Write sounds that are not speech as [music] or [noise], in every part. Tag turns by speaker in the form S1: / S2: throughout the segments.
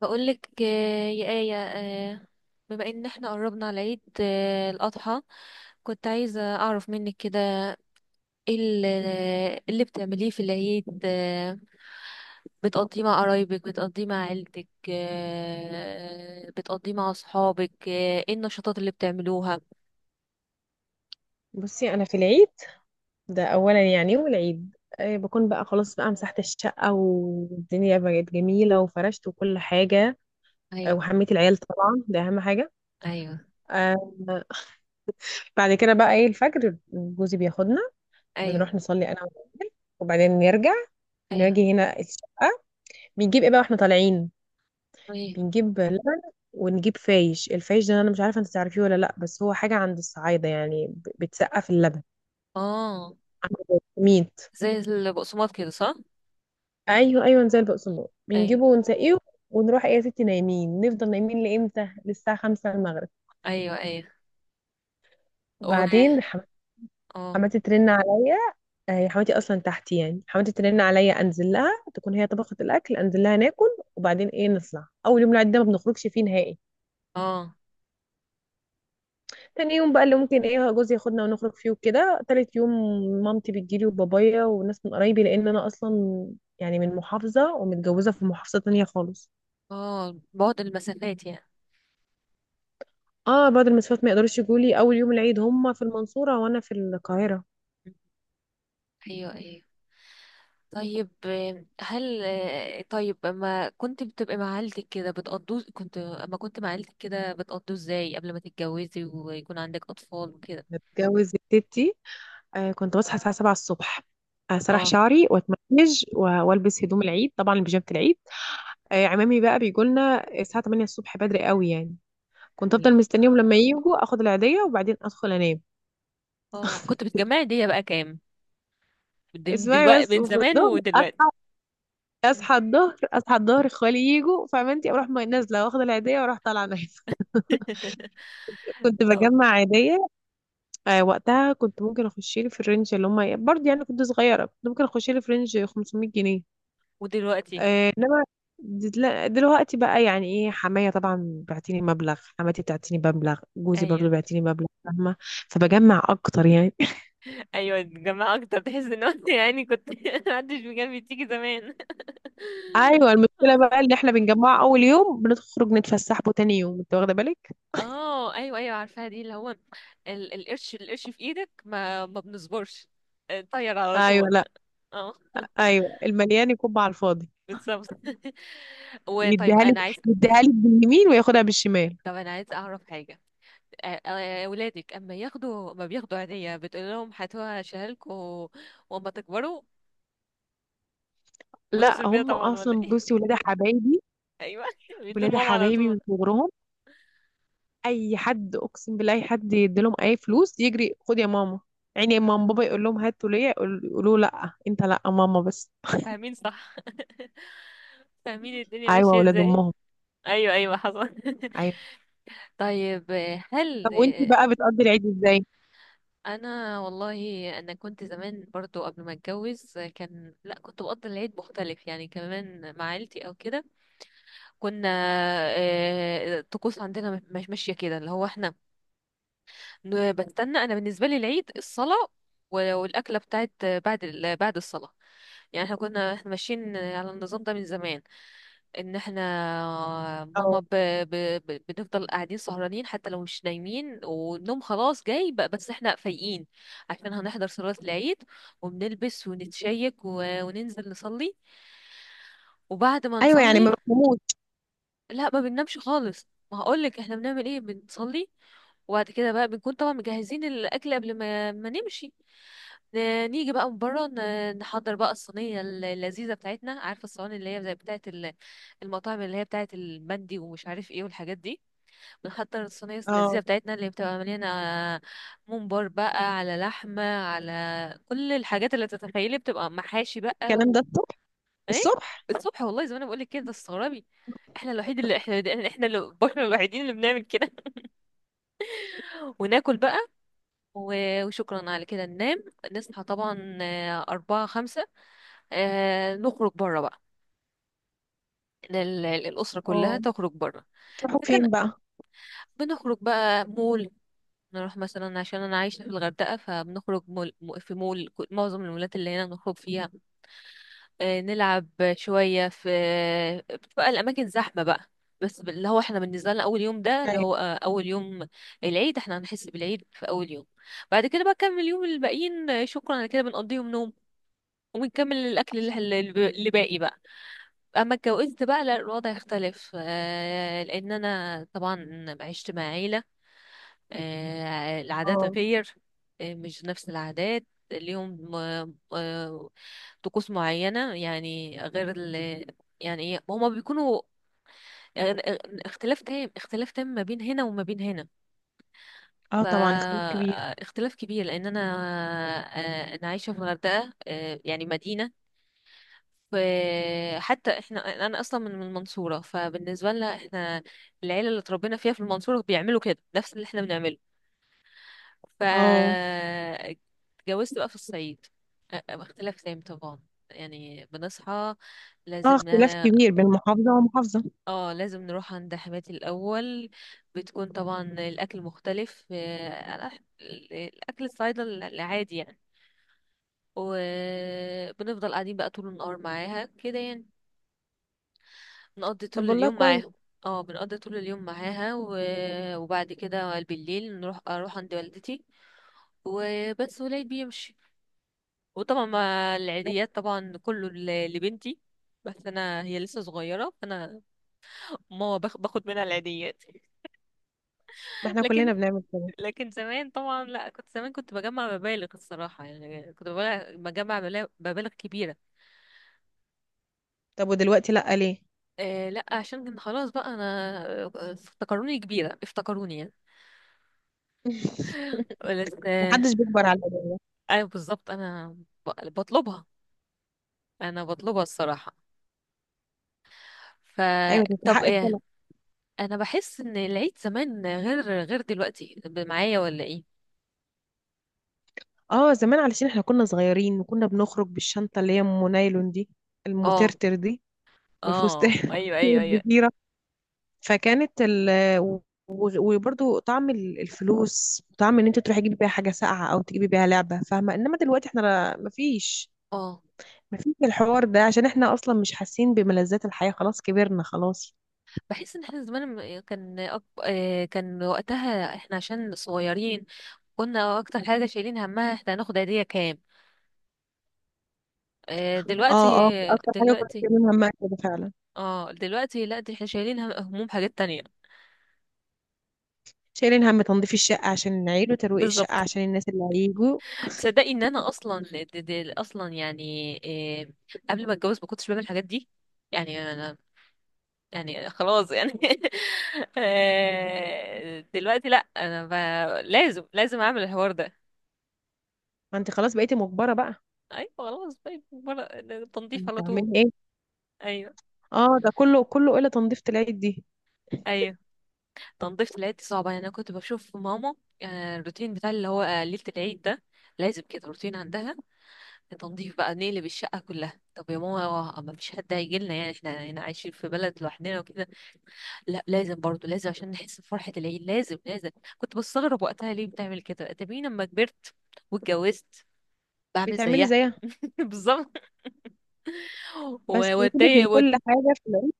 S1: بقولك، آه، يا آية، بما ان احنا قربنا على عيد الأضحى، كنت عايزة أعرف منك كده ايه اللي بتعمليه في العيد، بتقضيه مع قرايبك، بتقضيه مع عيلتك، بتقضيه مع أصحابك، ايه النشاطات اللي بتعملوها؟
S2: بصي انا في العيد ده اولا يعني والعيد بكون بقى خلاص بقى مسحت الشقه والدنيا بقت جميله وفرشت وكل حاجه.
S1: ايوه،
S2: وحميت العيال طبعا ده اهم حاجه.
S1: ايوه،
S2: آه، بعد كده بقى ايه الفجر جوزي بياخدنا،
S1: ايوه،
S2: بنروح نصلي انا والعيال وبعدين نرجع
S1: ايوه،
S2: نجي هنا الشقه. بنجيب ايه بقى واحنا طالعين،
S1: ايوه.
S2: بنجيب لبن ونجيب فايش. الفايش ده انا مش عارفه انت تعرفيه ولا لا، بس هو حاجه عند الصعايده، يعني بتسقف اللبن
S1: اه،
S2: عند ميت.
S1: زي البقسماط كده، صح.
S2: ايوه ايوه، نزل بقسماط، بنجيبه
S1: ايوه،
S2: ونسقيه، ونروح ايه يا ستي نايمين. نفضل نايمين لامتى؟ للساعه 5 المغرب.
S1: ايوه، ايوه. و-
S2: بعدين
S1: اه،
S2: حماتي ترن عليا. هي حماتي اصلا تحتي، يعني حماتي ترن عليا انزل لها، تكون هي طبخت الاكل، انزل لها ناكل. وبعدين ايه، نطلع اول يوم العيد ده ما بنخرجش فيه نهائي.
S1: اه،
S2: تاني يوم بقى اللي ممكن ايه جوزي ياخدنا ونخرج فيه وكده. تالت يوم مامتي بتجيلي وبابايا وناس من قرايبي، لان انا اصلا يعني من محافظه ومتجوزه في محافظه تانية خالص.
S1: اه، بعد المسافات يعني.
S2: اه بعض المسافات ما يقدروش يجوا لي اول يوم العيد، هم في المنصورة وانا في القاهرة.
S1: ايوه، ايوه. طيب، آه، هل آه، طيب، اما كنت مع عيلتك كده بتقضوا ازاي قبل ما تتجوزي ويكون عندك اطفال وكده؟
S2: بتجوز تيتي، آه كنت بصحى الساعة 7 الصبح، اسرح
S1: اه،
S2: شعري واتمنج والبس هدوم العيد، طبعا بيجامة العيد. آه عمامي بقى بيجوا لنا الساعة 8 الصبح، بدري قوي يعني. كنت
S1: تمام.
S2: افضل مستنيهم لما يجوا، اخد العيدية وبعدين ادخل انام.
S1: اه، كنت بتجمعي دي بقى كام
S2: اسمعي
S1: دلوقتي،
S2: بس،
S1: من
S2: وفي
S1: زمان
S2: الظهر
S1: ودلوقتي؟
S2: اصحى الظهر اصحى الظهر، اخوالي يجوا فعمامتي، اروح نازله واخد العيديه واروح طالعه نايمه.
S1: [laughs]
S2: [laughs] كنت
S1: طب
S2: بجمع عيديه. آه وقتها كنت ممكن اخش لي في الرينج اللي هم برضه، يعني كنت صغيره، كنت ممكن اخش لي في رينج 500 جنيه.
S1: ودلوقتي؟
S2: آه انما دل- لا، دلوقتي بقى يعني ايه، حمايه طبعا بعتيني مبلغ، حماتي بتعتيني مبلغ، جوزي برضه
S1: ايوه،
S2: بيعتيني مبلغ، فاهمه؟ فبجمع اكتر يعني. [laughs]
S1: ايوه، الجماعة اكتر، تحس ان انت يعني كنت [laughs] محدش بجنبي تيجي زمان.
S2: ايوه المشكله بقى ان احنا بنجمع اول يوم بنخرج نتفسح به تاني يوم، انت واخده بالك؟
S1: اه، ايوه، ايوه، عارفاها دي اللي هو القرش، في ايدك ما بنصبرش، طير على
S2: ايوه لا،
S1: طول. اه، [laughs]
S2: ايوه المليان يكب على الفاضي،
S1: بالظبط. [laughs] وطيب
S2: يديها لك،
S1: انا عايز،
S2: يديها لك باليمين وياخدها بالشمال.
S1: طب انا عايز اعرف حاجه. ولادك اما ياخدوا، ما بياخدوا عيدية بتقول لهم هاتوها شهالكوا واما تكبروا
S2: لا
S1: وتصرفيها
S2: هم
S1: طبعا، ولا
S2: اصلا
S1: ايه؟
S2: بصي ولاد حبايبي،
S1: [laughs] ايوه، بيدوا
S2: ولاد
S1: لماما على
S2: حبايبي
S1: طول.
S2: من صغرهم، اي حد اقسم بالله اي حد يديلهم اي فلوس، يجري خد يا ماما. يعني ماما بابا يقول لهم هاتوا ليا، يقولوا لا انت، لا ماما بس.
S1: فاهمين، صح، [laughs] فاهمين الدنيا
S2: ايوه
S1: ماشيه
S2: اولاد
S1: ازاي.
S2: امهم.
S1: ايوه، ايوه، حصل. [laughs]
S2: ايوه
S1: طيب، آه، هل
S2: طب وانت بقى بتقضي العيد ازاي؟
S1: انا والله انا كنت زمان برضو قبل ما اتجوز كان، لا كنت بقضي العيد مختلف يعني كمان مع عيلتي او كده. كنا، الطقوس عندنا مش ماشيه كده، اللي هو احنا بستنى انا بالنسبه لي العيد الصلاه والاكله بتاعت بعد الصلاه. يعني احنا كنا، احنا ماشيين على النظام ده من زمان، ان احنا
S2: اه.
S1: ماما بنفضل قاعدين سهرانين حتى لو مش نايمين، والنوم خلاص جاي بقى، بس احنا فايقين عشان هنحضر صلاة العيد. وبنلبس ونتشيك، وننزل نصلي. وبعد ما
S2: ايوه يعني ما
S1: نصلي،
S2: بفهموش.
S1: لا ما بننامش خالص. ما هقولك احنا بنعمل ايه، بنصلي، وبعد كده بقى بنكون طبعا مجهزين الاكل قبل ما نمشي. نيجي بقى من بره، نحضر بقى الصينيه اللذيذه بتاعتنا، عارفه الصواني اللي هي زي بتاعه المطاعم اللي هي بتاعه المندي ومش عارف ايه والحاجات دي. بنحضر الصينيه اللذيذه
S2: اه
S1: بتاعتنا اللي بتبقى مليانه ممبار بقى، على لحمه، على كل الحاجات اللي تتخيلي، بتبقى محاشي بقى.
S2: الكلام ده الصبح؟
S1: ايه؟
S2: الصبح.
S1: الصبح والله، زي ما انا بقول لك كده تستغربي. احنا الوحيد اللي احنا، احنا اللي بشر الوحيدين اللي بنعمل كده. [laughs] وناكل بقى، وشكرا على كده ننام. نصحى طبعا، أربعة خمسة، نخرج بره بقى. الأسرة كلها
S2: اه
S1: تخرج بره.
S2: تروحوا
S1: فكان،
S2: فين بقى؟
S1: بنخرج بقى مول، نروح مثلا، عشان أنا عايشة في الغردقة، فبنخرج مول، معظم المولات اللي هنا نخرج فيها. نلعب شوية في، بتبقى الأماكن زحمة بقى، بس اللي هو احنا بالنسبة لنا أول يوم ده اللي
S2: ايوه.
S1: هو، أول يوم العيد، احنا هنحس بالعيد في أول يوم. بعد كده بقى نكمل اليوم الباقيين، شكرا على كده بنقضيهم نوم، وبنكمل الأكل اللي باقي بقى. أما اتجوزت بقى، لا، الوضع يختلف، لأن أنا طبعا عشت مع عيلة، العادات
S2: اه
S1: غير، مش نفس العادات ليهم، طقوس معينة يعني غير ال، يعني إيه، هما بيكونوا، آه، اختلاف تام، اختلاف تام ما بين هنا وما بين هنا.
S2: اه طبعا اختلاف كبير.
S1: فاختلاف كبير، لأن أنا، أنا عايشة في الغردقة، يعني مدينة. ف- حتى احنا، انا اصلا من المنصوره، فبالنسبه لنا احنا، العيله اللي اتربينا فيها في المنصوره بيعملوا كده نفس اللي احنا بنعمله. ف،
S2: اه
S1: اتجوزت بقى في الصعيد، اختلاف تام طبعا. يعني بنصحى،
S2: اه
S1: لازم
S2: اختلاف كبير بين محافظة ومحافظة.
S1: اه لازم نروح عند حماتي الأول. بتكون طبعا الأكل مختلف، الأكل الصعيدي العادي يعني. وبنفضل قاعدين بقى طول النهار معاها كده يعني، نقضي طول
S2: طب والله
S1: اليوم
S2: كويس.
S1: معاها. اه، بنقضي طول اليوم معاها، وبعد كده بالليل نروح، اروح عند والدتي وبس، ولاد بيمشي. وطبعا مع العيديات طبعا كله لبنتي، بس انا هي لسه صغيره، فانا ماما باخد منها العيديات. [laughs]
S2: ما احنا
S1: لكن،
S2: كلنا بنعمل كده.
S1: لكن زمان طبعا لا، كنت زمان كنت بجمع مبالغ الصراحه، يعني كنت بجمع، مبالغ كبيره.
S2: طب ودلوقتي لا ليه؟
S1: لا، عشان كان خلاص بقى انا، افتكروني كبيره، افتكروني يعني.
S2: [laughs]
S1: بس
S2: محدش بيكبر على الأداء.
S1: ايوه بالظبط. انا بطلبها، انا بطلبها الصراحه.
S2: ايوه
S1: فطب
S2: تستحق
S1: ايه،
S2: الطلب.
S1: انا بحس ان العيد زمان غير، غير دلوقتي، معايا ولا ايه؟
S2: اه زمان علشان احنا كنا صغيرين، وكنا بنخرج بالشنطة اللي هي ام نايلون دي،
S1: اه،
S2: المترتر دي،
S1: اه،
S2: والفستان [laughs]
S1: ايوه، ايوه، ايوه.
S2: الكبيرة. فكانت وبرضو طعم الفلوس، طعم ان انت تروحي تجيبي بيها حاجة ساقعة او تجيبي بيها لعبة، فاهمة؟ انما دلوقتي احنا مفيش،
S1: اه،
S2: مفيش الحوار ده، عشان احنا اصلا مش حاسين بملذات الحياة، خلاص كبرنا خلاص.
S1: بحس ان احنا زمان لما كان أك... آه، كان وقتها احنا عشان صغيرين، كنا اكتر حاجه شايلين همها احنا هناخد هديه كام. دلوقتي،
S2: اه اه اكتر حاجة كنت
S1: دلوقتي،
S2: شايلين همها كده فعلا.
S1: اه دلوقتي لا، دي احنا شايلين هموم حاجات تانية.
S2: شايلين هم تنظيف الشقة عشان العيل، وترويق الشقة
S1: بالظبط.
S2: عشان الناس اللي هيجوا.
S1: تصدقي ان انا اصلا، دي، دي اصلا يعني، آه، قبل ما اتجوز ما كنتش بعمل الحاجات دي. يعني انا، يعني خلاص يعني. [laughs] دلوقتي لا، انا لازم، لازم اعمل الحوار ده.
S2: ما انت خلاص بقيتي مجبرة بقى،
S1: ايوه خلاص، طيب مرة تنظيف على طول.
S2: هتعملي ايه؟
S1: ايوه،
S2: اه ده كله كله إلا تنظيفة العيد دي.
S1: ايوه، تنظيف العيد دي صعبة يعني. انا كنت بشوف ماما، يعني الروتين بتاع اللي هو، ليلة العيد ده لازم كده روتين عندها. تنظيف بقى، نقلب الشقة كلها. طب يا ماما هو ما فيش حد هيجي لنا، يعني احنا هنا عايشين في بلد لوحدنا وكده. لا لازم برضو، لازم عشان نحس بفرحة العيد، لازم، لازم. كنت بستغرب وقتها ليه بتعمل كده، تبين لما كبرت واتجوزت بعمل
S2: بتعملي
S1: زيها.
S2: زيها.
S1: [laughs] بالظبط.
S2: بس سيبك من
S1: واتضايق.
S2: كل حاجة في العيد،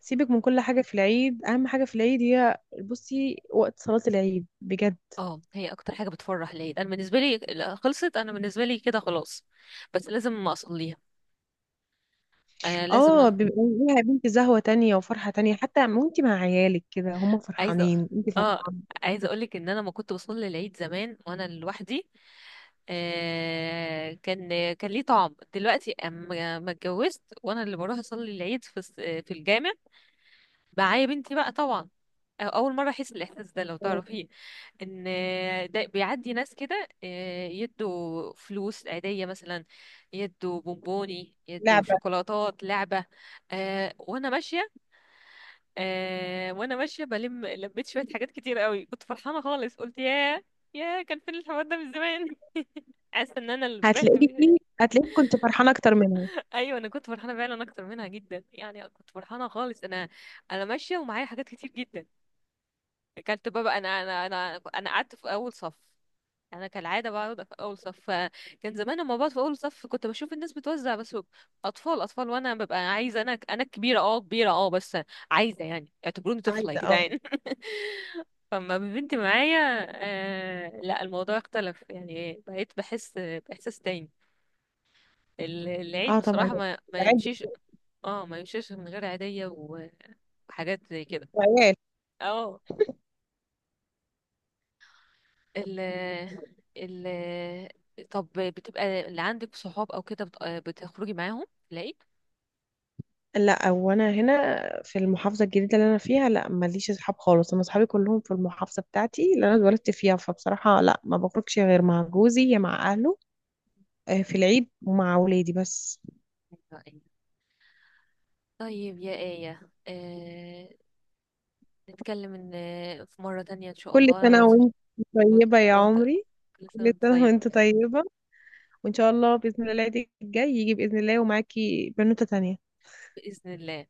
S2: سيبك من كل حاجة في العيد، أهم حاجة في العيد هي بصي وقت صلاة العيد بجد.
S1: اه، هي اكتر حاجه بتفرح ليا انا بالنسبه لي، لا، خلصت انا بالنسبه لي كده خلاص، بس لازم اصليها. انا لازم
S2: اه بيبقى ليها يا بنتي زهوة تانية وفرحة تانية، حتى وانتي مع عيالك كده، هم
S1: عايزه،
S2: فرحانين انتي
S1: اه
S2: فرحانة.
S1: عايزه اقولك ان انا ما كنت بصلي العيد زمان وانا لوحدي. آه كان، كان ليه طعم دلوقتي اما ما اتجوزت وانا اللي بروح اصلي العيد في في الجامع، معايا بنتي بقى طبعا. اول مره احس بالاحساس ده، لو
S2: آه،
S1: تعرفيه. ان ده بيعدي ناس كده، يدوا فلوس عاديه مثلا، يدوا بونبوني، يدوا
S2: لعبة.
S1: شوكولاتات، لعبه. وانا ماشيه، وانا ماشيه بلم لبيت شويه حاجات، كتير قوي، كنت فرحانه خالص. قلت ياه، ياه كان فين الحوار ده من زمان. [laughs] حاسه ان انا اللي فرحت بيه.
S2: هتلاقيكي هتلاقيكي كنت فرحانة أكتر منها.
S1: [laughs] ايوه، انا كنت فرحانه فعلا اكتر منها جدا يعني، كنت فرحانه خالص انا، انا ماشيه ومعايا حاجات كتير جدا. كانت بابا، انا قعدت في اول صف، انا كالعاده بقعد في اول صف. كان زمان لما بقعد في اول صف كنت بشوف الناس بتوزع بس اطفال، اطفال، وانا ببقى عايزه، انا كبيره، اه كبيره، اه بس عايزه يعني اعتبروني طفله يا
S2: عايزة اه.
S1: جدعان. [laughs] فما بنتي معايا. آه لا، الموضوع اختلف يعني، بقيت بحس باحساس تاني. العيد
S2: اه طبعا
S1: بصراحه ما
S2: العيد
S1: يمشيش. اه، ما يمشيش من غير عيديه وحاجات زي كده.
S2: عيال.
S1: اه، ال، ال، طب بتبقى اللي عندك صحاب او كده بتخرجي معاهم، تلاقي،
S2: لا وانا هنا في المحافظه الجديده اللي انا فيها لا ماليش اصحاب خالص، انا اصحابي كلهم في المحافظه بتاعتي اللي انا اتولدت فيها، فبصراحه لا ما بخرجش غير مع جوزي يا مع اهله في العيد ومع ولادي بس.
S1: أيوة، أيوة. طيب يا آية، نتكلم إن، في مرة تانية إن شاء
S2: كل
S1: الله. أنا
S2: سنه
S1: بس،
S2: وانت
S1: وأنت
S2: طيبه يا
S1: وأنت-
S2: عمري.
S1: كل سنة
S2: كل
S1: وأنت
S2: سنه
S1: طيب.
S2: وانت طيبه، وان شاء الله باذن الله العيد الجاي يجي باذن الله ومعاكي بنوته تانية.
S1: بإذن الله.